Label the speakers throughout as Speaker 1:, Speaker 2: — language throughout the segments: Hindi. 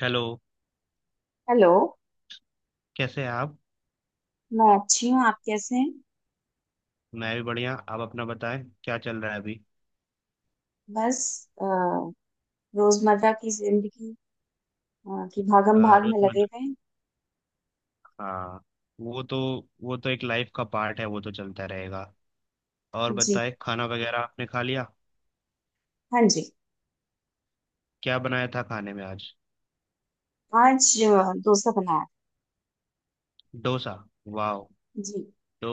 Speaker 1: हेलो।
Speaker 2: हेलो।
Speaker 1: कैसे हैं आप?
Speaker 2: मैं अच्छी हूँ। आप कैसे हैं?
Speaker 1: मैं भी बढ़िया। आप अपना बताएं, क्या चल रहा है अभी?
Speaker 2: बस, अ, रोजमर्रा की जिंदगी की भागम भाग में लगे
Speaker 1: रोजमर्रा।
Speaker 2: हुए।
Speaker 1: हाँ। वो तो वो तो एक लाइफ का पार्ट है, वो तो चलता रहेगा। और
Speaker 2: हैं जी।
Speaker 1: बताएं, खाना वगैरह आपने खा लिया?
Speaker 2: हाँ जी।
Speaker 1: क्या बनाया था खाने में आज?
Speaker 2: आज डोसा बनाया।
Speaker 1: डोसा। वाह।
Speaker 2: जी।
Speaker 1: तो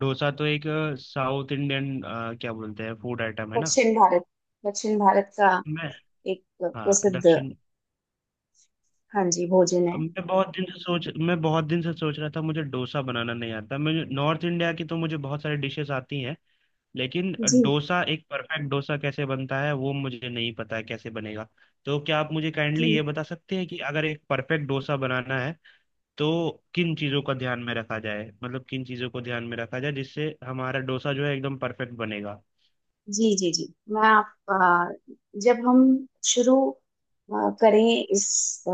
Speaker 1: डोसा तो एक साउथ इंडियन, क्या बोलते हैं, फूड आइटम है ना।
Speaker 2: दक्षिण भारत दक्षिण भारत का
Speaker 1: मैं।
Speaker 2: एक
Speaker 1: हाँ,
Speaker 2: प्रसिद्ध,
Speaker 1: दक्षिण।
Speaker 2: हाँ जी, भोजन है।
Speaker 1: मैं बहुत दिन से सोच रहा था, मुझे डोसा बनाना नहीं आता। मुझे नॉर्थ इंडिया की तो मुझे बहुत सारी डिशेस आती हैं। लेकिन
Speaker 2: जी
Speaker 1: डोसा, एक परफेक्ट डोसा कैसे बनता है वो मुझे नहीं पता है, कैसे बनेगा। तो क्या आप मुझे
Speaker 2: जी
Speaker 1: काइंडली ये बता सकते हैं कि अगर एक परफेक्ट डोसा बनाना है तो किन चीज़ों को ध्यान में रखा जाए जिससे हमारा डोसा जो है एकदम परफेक्ट बनेगा?
Speaker 2: जी। जी जी। जब हम शुरू करें इस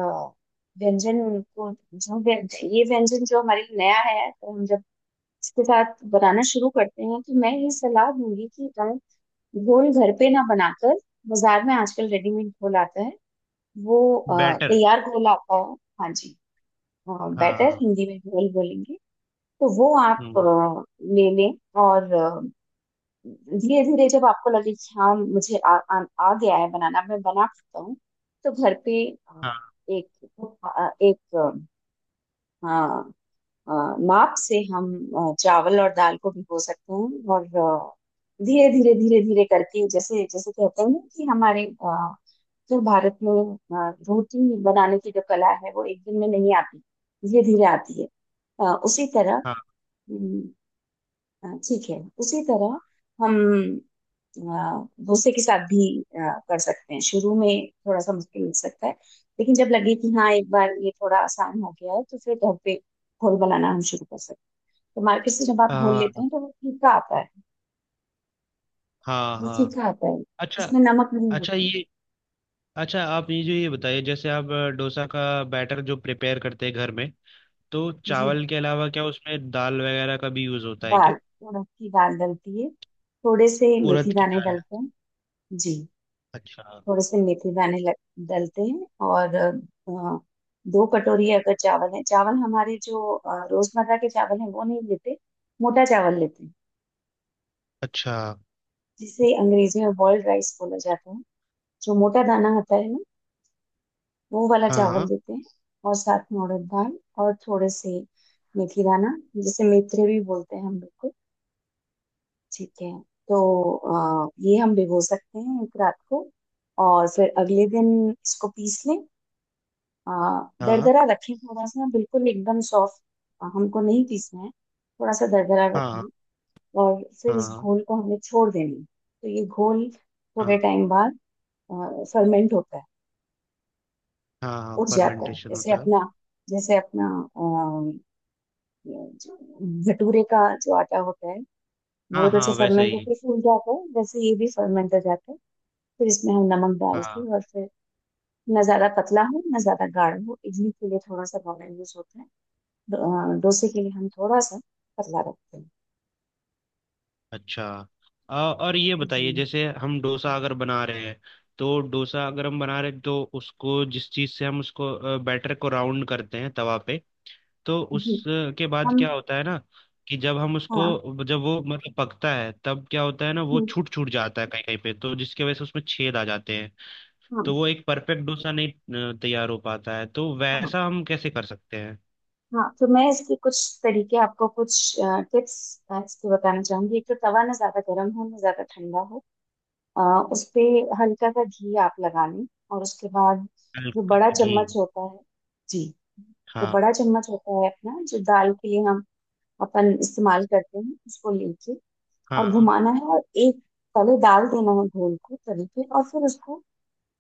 Speaker 2: व्यंजन को, जो व्यंजन ये व्यंजन जो हमारे लिए नया है, तो हम जब इसके साथ बनाना शुरू करते हैं तो मैं ये सलाह दूंगी कि आप घोल घर पे ना बनाकर, बाजार में आजकल रेडीमेड घोल आता है, वो
Speaker 1: बैटर।
Speaker 2: तैयार घोल आता है। हाँ जी। बेटर
Speaker 1: हाँ।
Speaker 2: हिंदी में घोल बोलेंगे। तो वो आप
Speaker 1: हम्म।
Speaker 2: ले लें। और धीरे धीरे जब आपको लगे कि हाँ, मुझे आ गया है बनाना, मैं बना सकता हूँ, तो घर पे अ,
Speaker 1: हाँ,
Speaker 2: एक एक अ, अ, माप से हम चावल और दाल को भिगो सकते हैं। और धीरे धीरे धीरे धीरे करके, जैसे जैसे कहते हैं ना, कि हमारे, जो भारत में रोटी बनाने की जो कला है, वो एक दिन में नहीं आती, धीरे धीरे आती है। उसी तरह,
Speaker 1: हाँ,
Speaker 2: हम्म, ठीक है, उसी तरह हम डोसे के साथ भी कर सकते हैं। शुरू में थोड़ा सा मुश्किल लग सकता है, लेकिन जब लगे कि हाँ, एक बार ये थोड़ा आसान हो गया है, तो फिर घर पे घोल बनाना हम शुरू कर सकते हैं। तो मार्केट से जब आप घोल
Speaker 1: हाँ,
Speaker 2: लेते हैं तो वो फीका आता है।
Speaker 1: हाँ,
Speaker 2: वो
Speaker 1: हाँ।
Speaker 2: फीका आता है,
Speaker 1: अच्छा।
Speaker 2: उसमें नमक नहीं
Speaker 1: अच्छा,
Speaker 2: होता।
Speaker 1: ये... अच्छा, आप ये जो ये बताइए, जैसे आप डोसा का बैटर जो प्रिपेयर करते हैं घर में, तो
Speaker 2: जी।
Speaker 1: चावल के अलावा क्या उसमें दाल वगैरह का भी यूज़ होता है क्या?
Speaker 2: दाल, उड़द की दाल डलती है। थोड़े से मेथी
Speaker 1: उड़द की
Speaker 2: दाने
Speaker 1: दाल।
Speaker 2: डलते हैं। जी।
Speaker 1: अच्छा।
Speaker 2: थोड़े से मेथी दाने डलते हैं। और दो कटोरी अगर चावल है, चावल हमारे जो रोजमर्रा के चावल हैं वो नहीं लेते, मोटा चावल लेते हैं,
Speaker 1: अच्छा।
Speaker 2: जिसे अंग्रेजी में बॉइल्ड राइस बोला जाता है। जो मोटा दाना होता है ना, वो वाला चावल
Speaker 1: हाँ,
Speaker 2: देते हैं। और साथ में उड़द दाल, और थोड़े से मेथी दाना, जिसे मेथरे भी बोलते हैं हम लोग को। ठीक है। तो ये हम भिगो सकते हैं एक रात को, और फिर अगले दिन इसको पीस लें। अ,
Speaker 1: हाँ,
Speaker 2: दरदरा रखें थोड़ा सा, बिल्कुल एकदम सॉफ्ट हमको नहीं पीसना है, थोड़ा सा दरदरा
Speaker 1: हाँ,
Speaker 2: रखें। और फिर इस
Speaker 1: हाँ,
Speaker 2: घोल को हमें छोड़ देना है। तो ये घोल
Speaker 1: हाँ,
Speaker 2: थोड़े टाइम बाद फर्मेंट होता है,
Speaker 1: हाँ।
Speaker 2: उठ जाता है।
Speaker 1: फर्मेंटेशन
Speaker 2: जैसे
Speaker 1: होता है।
Speaker 2: अपना जैसे अपना ये जो भटूरे का जो आटा होता है, वो
Speaker 1: हाँ,
Speaker 2: जैसे
Speaker 1: हाँ, वैसे
Speaker 2: फर्मेंट
Speaker 1: ही।
Speaker 2: होकर फूल जाता है, वैसे ये भी फर्मेंट हो जाता है। फिर इसमें हम नमक डाल के,
Speaker 1: हाँ।
Speaker 2: और फिर ना ज्यादा पतला हो ना ज्यादा गाढ़ा हो। इडली के लिए थोड़ा सा गाढ़ा यूज होता है, डो- डोसे के लिए हम थोड़ा सा पतला रखते हैं।
Speaker 1: अच्छा। और ये बताइए,
Speaker 2: जी।
Speaker 1: जैसे हम डोसा अगर बना रहे हैं तो डोसा अगर हम बना रहे हैं तो उसको, जिस चीज़ से हम उसको बैटर को राउंड करते हैं तवा पे, तो
Speaker 2: जी।
Speaker 1: उसके बाद
Speaker 2: हम।
Speaker 1: क्या होता है ना, कि जब हम
Speaker 2: हाँ।
Speaker 1: उसको, जब वो मतलब पकता है, तब क्या होता है ना, वो
Speaker 2: हम्म,
Speaker 1: छूट छूट जाता है कहीं कहीं पे, तो जिसकी वजह से उसमें छेद आ जाते हैं।
Speaker 2: हाँ
Speaker 1: तो वो एक परफेक्ट डोसा नहीं तैयार हो पाता है, तो
Speaker 2: हाँ
Speaker 1: वैसा हम कैसे कर सकते हैं?
Speaker 2: हाँ। तो मैं इसके कुछ तरीके, आपको कुछ टिप्स इसके बताना चाहूंगी। एक तो, तवा ना ज्यादा गर्म हो ना ज्यादा ठंडा हो। उस पे हल्का सा घी आप लगा लें, और उसके बाद जो
Speaker 1: हल्का
Speaker 2: बड़ा
Speaker 1: सा घी।
Speaker 2: चम्मच होता है, जी, तो
Speaker 1: हाँ,
Speaker 2: बड़ा चम्मच होता है अपना, जो दाल के लिए हम अपन इस्तेमाल करते हैं, उसको लेके और
Speaker 1: हाँ,
Speaker 2: घुमाना है। और एक तले डाल देना है घोल को तवे पे, और फिर उसको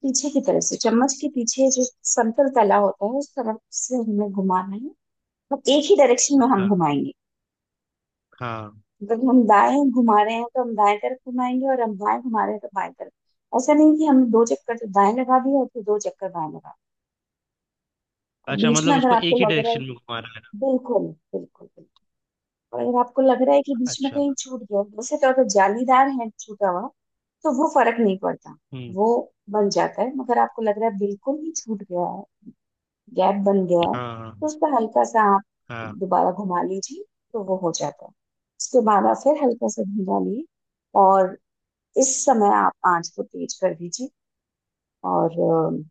Speaker 2: पीछे की तरफ से, चम्मच के पीछे जो समतल तला होता है उस तरफ से हमें घुमाना है। तो एक ही डायरेक्शन में हम
Speaker 1: हाँ,
Speaker 2: घुमाएंगे।
Speaker 1: हाँ।
Speaker 2: जब हम दाएं घुमा रहे हैं तो हम दाएं तरफ घुमाएंगे, और हम बाएं घुमा रहे हैं तो बाएं तरफ। ऐसा नहीं कि हमने दो चक्कर तो दाएं लगा दिया और फिर दो चक्कर बाएं लगा दिए। तो
Speaker 1: अच्छा,
Speaker 2: बीच
Speaker 1: मतलब
Speaker 2: में अगर
Speaker 1: उसको
Speaker 2: आपको
Speaker 1: एक ही
Speaker 2: लग रहा है,
Speaker 1: डायरेक्शन में घुमा रहा है
Speaker 2: बिल्कुल, बिल्कुल बिल्कुल। और अगर आपको लग रहा है कि
Speaker 1: ना।
Speaker 2: बीच में
Speaker 1: अच्छा।
Speaker 2: कहीं छूट गया, वैसे तो अगर जालीदार है छूटा हुआ तो वो फर्क नहीं पड़ता,
Speaker 1: हम्म।
Speaker 2: वो बन जाता है। मगर आपको लग रहा है बिल्कुल ही छूट गया है, गैप बन गया है,
Speaker 1: हाँ,
Speaker 2: तो उस पर हल्का सा आप
Speaker 1: हाँ,
Speaker 2: दोबारा घुमा लीजिए, तो वो हो जाता है। उसके बाद आप फिर हल्का सा घुमा लिए, और इस समय आप आंच को तेज कर दीजिए। और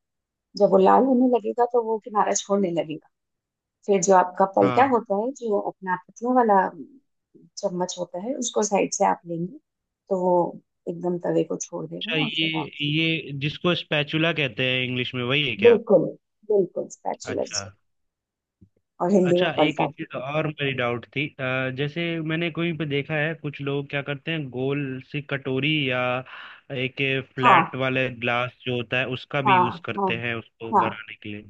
Speaker 2: जब वो लाल होने लगेगा तो वो किनारा छोड़ने लगेगा। फिर जो आपका पलटा
Speaker 1: हाँ।
Speaker 2: होता है, जो अपना पतलों वाला चम्मच होता है, उसको साइड से आप लेंगे तो वो एकदम तवे को छोड़
Speaker 1: अच्छा,
Speaker 2: देगा, और फिर
Speaker 1: ये
Speaker 2: आप,
Speaker 1: ये जिसको स्पैचुला कहते हैं इंग्लिश में, वही है क्या?
Speaker 2: बिल्कुल, बिल्कुल स्पैचुला
Speaker 1: अच्छा।
Speaker 2: जिसको, और हिंदी में
Speaker 1: अच्छा, एक
Speaker 2: पलटा।
Speaker 1: चीज और मेरी डाउट थी, जैसे, मैंने कहीं पे देखा है, कुछ लोग क्या करते हैं, गोल सी कटोरी या एक
Speaker 2: हाँ
Speaker 1: फ्लैट वाले ग्लास जो होता है उसका भी यूज
Speaker 2: हाँ हाँ
Speaker 1: करते हैं उसको
Speaker 2: हाँ
Speaker 1: बनाने के लिए।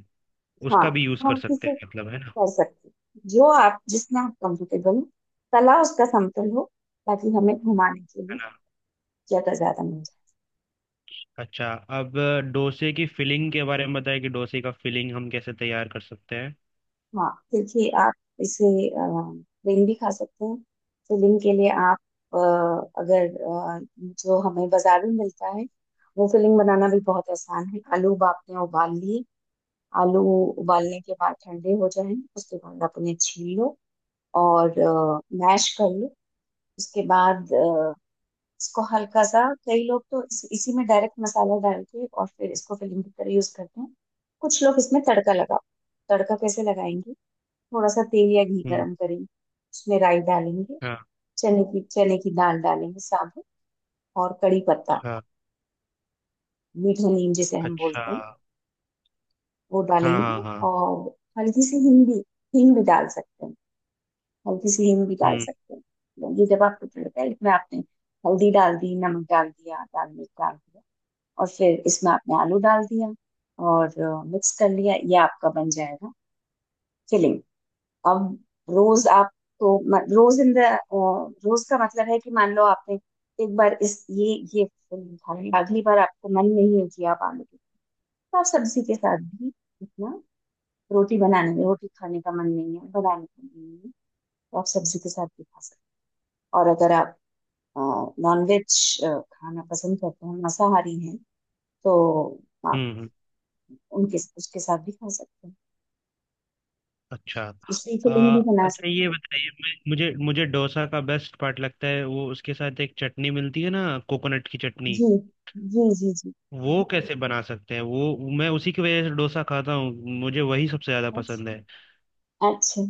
Speaker 2: हाँ।
Speaker 1: उसका भी यूज कर
Speaker 2: हम
Speaker 1: सकते
Speaker 2: किसे
Speaker 1: हैं मतलब, है ना?
Speaker 2: कर सकते हैं। जो आप, जिसमें आप कंफर्टेबल हो, तला उसका समतल हो, ताकि हमें घुमाने के
Speaker 1: है
Speaker 2: लिए
Speaker 1: ना?
Speaker 2: ज्यादा ज्यादा मिले।
Speaker 1: अच्छा। अब डोसे की फिलिंग के बारे में बताएं कि डोसे का फिलिंग हम कैसे तैयार कर सकते हैं।
Speaker 2: हाँ, देखिए, आप इसे प्लेन भी खा सकते हैं। फिलिंग के लिए, आप अ, अगर, जो हमें बाजार में मिलता है, वो फिलिंग बनाना भी बहुत आसान है। आलू आपने उबाल लिए। आलू उबालने के बाद ठंडे हो जाएं, उसके बाद आप उन्हें छील लो, और मैश कर लो। उसके बाद इसको हल्का सा, कई लोग तो इसी में डायरेक्ट मसाला डाल के और फिर इसको फिलिंग की तरह यूज करते हैं। कुछ लोग इसमें तड़का कैसे लगाएंगे? थोड़ा सा तेल या घी
Speaker 1: हम्म।
Speaker 2: गरम करेंगे, उसमें राई डालेंगे,
Speaker 1: हाँ,
Speaker 2: चने की दाल डालेंगे साबुत, और कड़ी पत्ता,
Speaker 1: हाँ।
Speaker 2: मीठा नीम जिसे हम
Speaker 1: अच्छा।
Speaker 2: बोलते हैं, वो
Speaker 1: हाँ, हाँ,
Speaker 2: डालेंगे।
Speaker 1: हाँ।
Speaker 2: और हल्की सी हींग भी, हींग भी डाल सकते हैं, हल्की सी हींग भी डाल
Speaker 1: हम्म,
Speaker 2: सकते हैं। तो ये जब आपको तड़का है, इसमें आपने हल्दी डाल दी, नमक डाल दिया, लाल मिर्च डाल दिया, और फिर इसमें आपने आलू डाल दिया और मिक्स कर लिया, ये आपका बन जाएगा फिलिंग। अब रोज आप तो, म- रोज इन द रोज का मतलब है कि, मान लो आपने एक बार इस ये फल खाया, अगली बार आपको मन नहीं है कि आप आलू की, तो आप सब्जी के साथ भी, इतना रोटी बनाने में, रोटी खाने का मन नहीं है, बनाने का मन नहीं है, तो आप सब्जी के साथ भी खा सकते हैं। और अगर आप नॉनवेज खाना पसंद करते हैं, मांसाहारी हैं, तो आप
Speaker 1: हम्म।
Speaker 2: उनके उसके साथ भी खा सकते हैं,
Speaker 1: अच्छा।
Speaker 2: उसकी फिलिंग
Speaker 1: आ,
Speaker 2: भी बना
Speaker 1: अच्छा,
Speaker 2: सकते
Speaker 1: ये
Speaker 2: हैं।
Speaker 1: बताइए, मैं- मुझे मुझे डोसा का बेस्ट पार्ट लगता है वो, उसके साथ एक चटनी मिलती है ना, कोकोनट की चटनी।
Speaker 2: जी जी जी
Speaker 1: वो कैसे बना सकते हैं? वो, मैं उसी की वजह से डोसा खाता हूँ। मुझे वही सबसे ज्यादा पसंद
Speaker 2: जी।
Speaker 1: है।
Speaker 2: अच्छा,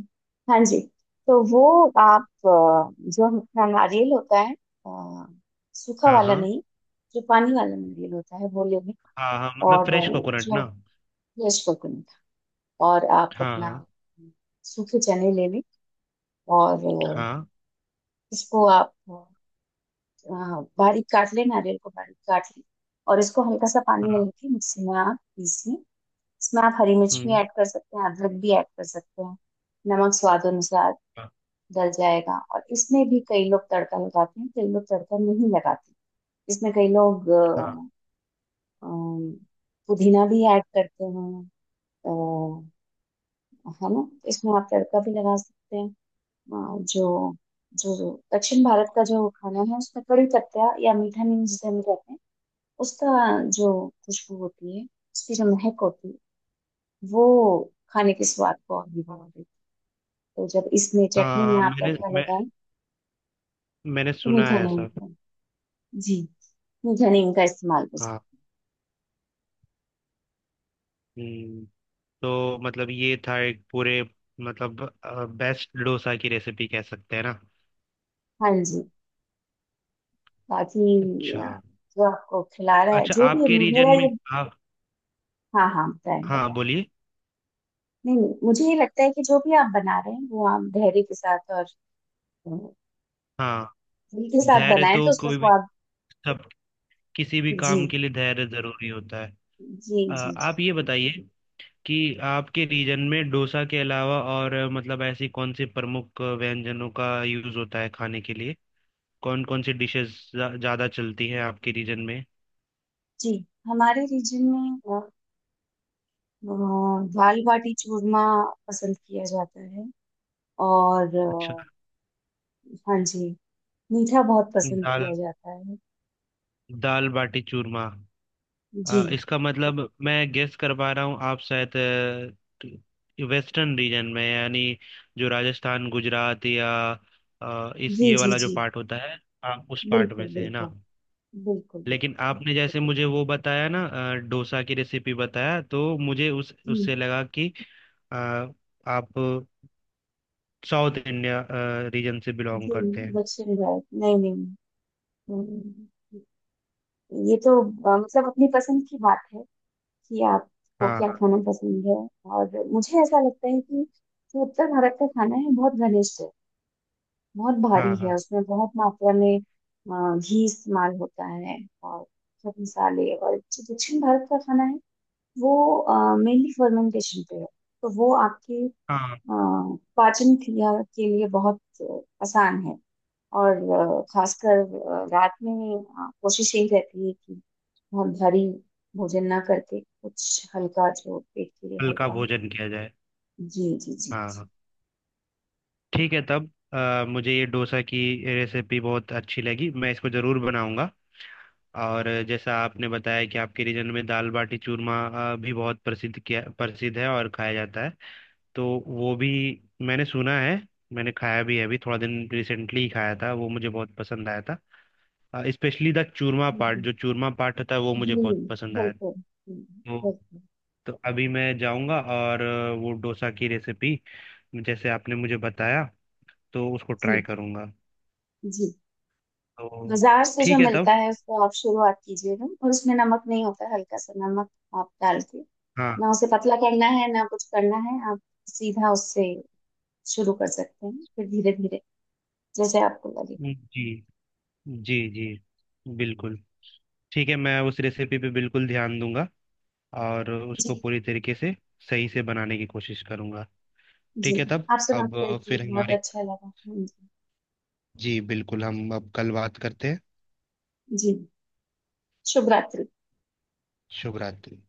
Speaker 2: हाँ जी। तो वो आप, जो हमारा नारियल होता है, अ, सूखा
Speaker 1: हाँ,
Speaker 2: वाला
Speaker 1: हाँ।
Speaker 2: नहीं, जो पानी वाला नारियल होता है वो लेंगे।
Speaker 1: हाँ, हाँ, मतलब
Speaker 2: और,
Speaker 1: फ्रेश कोकोनट
Speaker 2: जो
Speaker 1: ना।
Speaker 2: फ्रेश कोकोनट, और आप
Speaker 1: हाँ,
Speaker 2: अपना
Speaker 1: हाँ।
Speaker 2: सूखे चने ले लें, और
Speaker 1: हाँ,
Speaker 2: इसको आप बारीक काट लें, नारियल को बारीक काट लें, और इसको हल्का सा पानी में
Speaker 1: हाँ।
Speaker 2: लेके मिक्सी में आप पीस लें। इसमें आप हरी मिर्च भी
Speaker 1: हम्म।
Speaker 2: ऐड कर सकते हैं, अदरक भी ऐड कर सकते हैं, नमक स्वाद अनुसार,
Speaker 1: हाँ।
Speaker 2: गल जाएगा। और इसमें भी कई लोग तड़का लगाते हैं, कई लोग तड़का नहीं लगाते। इसमें कई लोग
Speaker 1: हाँ,
Speaker 2: अम, पुदीना भी ऐड करते हैं। अ, है ना, इसमें आप तड़का भी लगा सकते हैं। जो जो दक्षिण भारत का जो खाना है, उसमें कड़ी पत्ता या मीठा नीम जिसे हम कहते हैं, उसका जो खुशबू होती है, उसकी जो महक होती है, वो खाने के स्वाद को और भी बढ़ा देती है। तो जब इसमें चटनी
Speaker 1: हाँ,
Speaker 2: में
Speaker 1: हाँ,
Speaker 2: आप
Speaker 1: मैंने
Speaker 2: तड़का
Speaker 1: मैं
Speaker 2: लगाएं,
Speaker 1: मैंने
Speaker 2: तो
Speaker 1: सुना
Speaker 2: मीठा
Speaker 1: है
Speaker 2: नहीं
Speaker 1: ऐसा।
Speaker 2: होता। जी, जनीन का इस्तेमाल कर
Speaker 1: हाँ।
Speaker 2: सकते
Speaker 1: हम्म। तो मतलब ये था एक पूरे, मतलब बेस्ट डोसा की रेसिपी, कह सकते हैं ना।
Speaker 2: हैं। हाँ जी। बाकी
Speaker 1: अच्छा।
Speaker 2: अ, जो आपको खिला रहा है
Speaker 1: अच्छा,
Speaker 2: जो भी है,
Speaker 1: आपके रीजन
Speaker 2: मेरा
Speaker 1: में...
Speaker 2: ये,
Speaker 1: हाँ।
Speaker 2: हाँ हाँ, बताएं
Speaker 1: हाँ,
Speaker 2: बताएं,
Speaker 1: बोलिए।
Speaker 2: नहीं नहीं, मुझे ये लगता है कि जो भी आप बना रहे हैं, वो आप धैर्य के साथ और अ,
Speaker 1: हाँ।
Speaker 2: दिल के साथ
Speaker 1: धैर्य
Speaker 2: बनाएं तो
Speaker 1: तो
Speaker 2: उसका
Speaker 1: कोई भी
Speaker 2: स्वाद,
Speaker 1: सब किसी भी
Speaker 2: जी
Speaker 1: काम के लिए धैर्य जरूरी होता है।
Speaker 2: जी जी जी।
Speaker 1: आप ये बताइए कि आपके रीजन में डोसा के अलावा और मतलब ऐसी कौन से प्रमुख व्यंजनों का यूज होता है खाने के लिए? कौन कौन सी डिशेस ज्यादा चलती हैं आपके रीजन में?
Speaker 2: जी, हमारे रीजन में अ, दाल बाटी चूरमा पसंद किया जाता है, और
Speaker 1: अच्छा।
Speaker 2: हाँ जी, मीठा बहुत पसंद
Speaker 1: दाल
Speaker 2: किया जाता है।
Speaker 1: दाल बाटी चूरमा।
Speaker 2: जी
Speaker 1: इसका मतलब, मैं गेस कर पा रहा हूँ, आप शायद वेस्टर्न रीजन में, यानी जो राजस्थान, गुजरात या इस,
Speaker 2: जी
Speaker 1: ये
Speaker 2: जी
Speaker 1: वाला जो
Speaker 2: जी।
Speaker 1: पार्ट होता है, आप उस पार्ट
Speaker 2: बिल्कुल
Speaker 1: में से है ना?
Speaker 2: बिल्कुल बिल्कुल बिल्कुल।
Speaker 1: लेकिन आपने जैसे मुझे वो बताया ना, डोसा की रेसिपी बताया, तो मुझे उस
Speaker 2: हम्म,
Speaker 1: उससे लगा कि अ, आप साउथ इंडिया रीजन से
Speaker 2: जी
Speaker 1: बिलोंग
Speaker 2: जी,
Speaker 1: करते हैं।
Speaker 2: दक्षिण भारत, नहीं नहीं। हम्म, ये तो मतलब अपनी पसंद की बात है, कि आपको क्या
Speaker 1: हाँ,
Speaker 2: खाना पसंद है। और मुझे ऐसा लगता है कि जो उत्तर भारत का खाना है, बहुत घनिष्ठ है, बहुत भारी
Speaker 1: हाँ,
Speaker 2: है,
Speaker 1: हाँ,
Speaker 2: उसमें बहुत मात्रा में घी इस्तेमाल होता है और सब मसाले। और जो दक्षिण भारत का खाना है, वो मेनली फर्मेंटेशन पे है, तो वो आपके अ,
Speaker 1: हाँ। हाँ,
Speaker 2: पाचन क्रिया के लिए बहुत आसान है। और खासकर रात में कोशिश यही रहती है कि बहुत भारी भोजन ना करके कुछ हल्का, जो पेट के लिए
Speaker 1: हल्का
Speaker 2: हल्का हो।
Speaker 1: भोजन किया जाए।
Speaker 2: जी जी जी
Speaker 1: हाँ,
Speaker 2: जी।
Speaker 1: हाँ। ठीक है तब, मुझे ये डोसा की रेसिपी बहुत अच्छी लगी, मैं इसको ज़रूर बनाऊंगा। और जैसा आपने बताया कि आपके रीजन में दाल बाटी चूरमा भी बहुत प्रसिद्ध है और खाया जाता है। तो वो भी मैंने सुना है, मैंने खाया भी है, अभी थोड़ा दिन रिसेंटली ही खाया था, वो मुझे बहुत पसंद आया था। स्पेशली द चूरमा पार्ट,
Speaker 2: हम्म,
Speaker 1: जो चूरमा पार्ट होता है, वो
Speaker 2: जी,
Speaker 1: मुझे बहुत पसंद आया था।
Speaker 2: बिल्कुल।
Speaker 1: तो
Speaker 2: बिल्कुल।
Speaker 1: तो अभी मैं जाऊंगा और वो डोसा की रेसिपी जैसे आपने मुझे बताया, तो उसको
Speaker 2: जी
Speaker 1: ट्राई करूंगा।
Speaker 2: जी।
Speaker 1: तो
Speaker 2: बाजार से जो
Speaker 1: ठीक है
Speaker 2: मिलता
Speaker 1: तब।
Speaker 2: है उसको आप शुरुआत कीजिएगा, और उसमें नमक नहीं होता है, हल्का सा नमक आप डाल के,
Speaker 1: हाँ
Speaker 2: ना उसे पतला करना है ना कुछ करना है, आप सीधा उससे शुरू कर सकते हैं। फिर धीरे धीरे, जैसे आपको लगे।
Speaker 1: जी, जी, जी, बिल्कुल। ठीक है, मैं उस रेसिपी पे बिल्कुल ध्यान दूंगा और
Speaker 2: जी
Speaker 1: उसको पूरी तरीके से सही से बनाने की कोशिश करूंगा।
Speaker 2: जी।
Speaker 1: ठीक है तब।
Speaker 2: आपसे बात
Speaker 1: अब
Speaker 2: करके
Speaker 1: फिर
Speaker 2: बहुत
Speaker 1: हमारी...
Speaker 2: अच्छा लगा। हाँ जी।
Speaker 1: जी बिल्कुल, हम अब कल बात करते हैं।
Speaker 2: जी। शुभ रात्रि।
Speaker 1: शुभ रात्रि।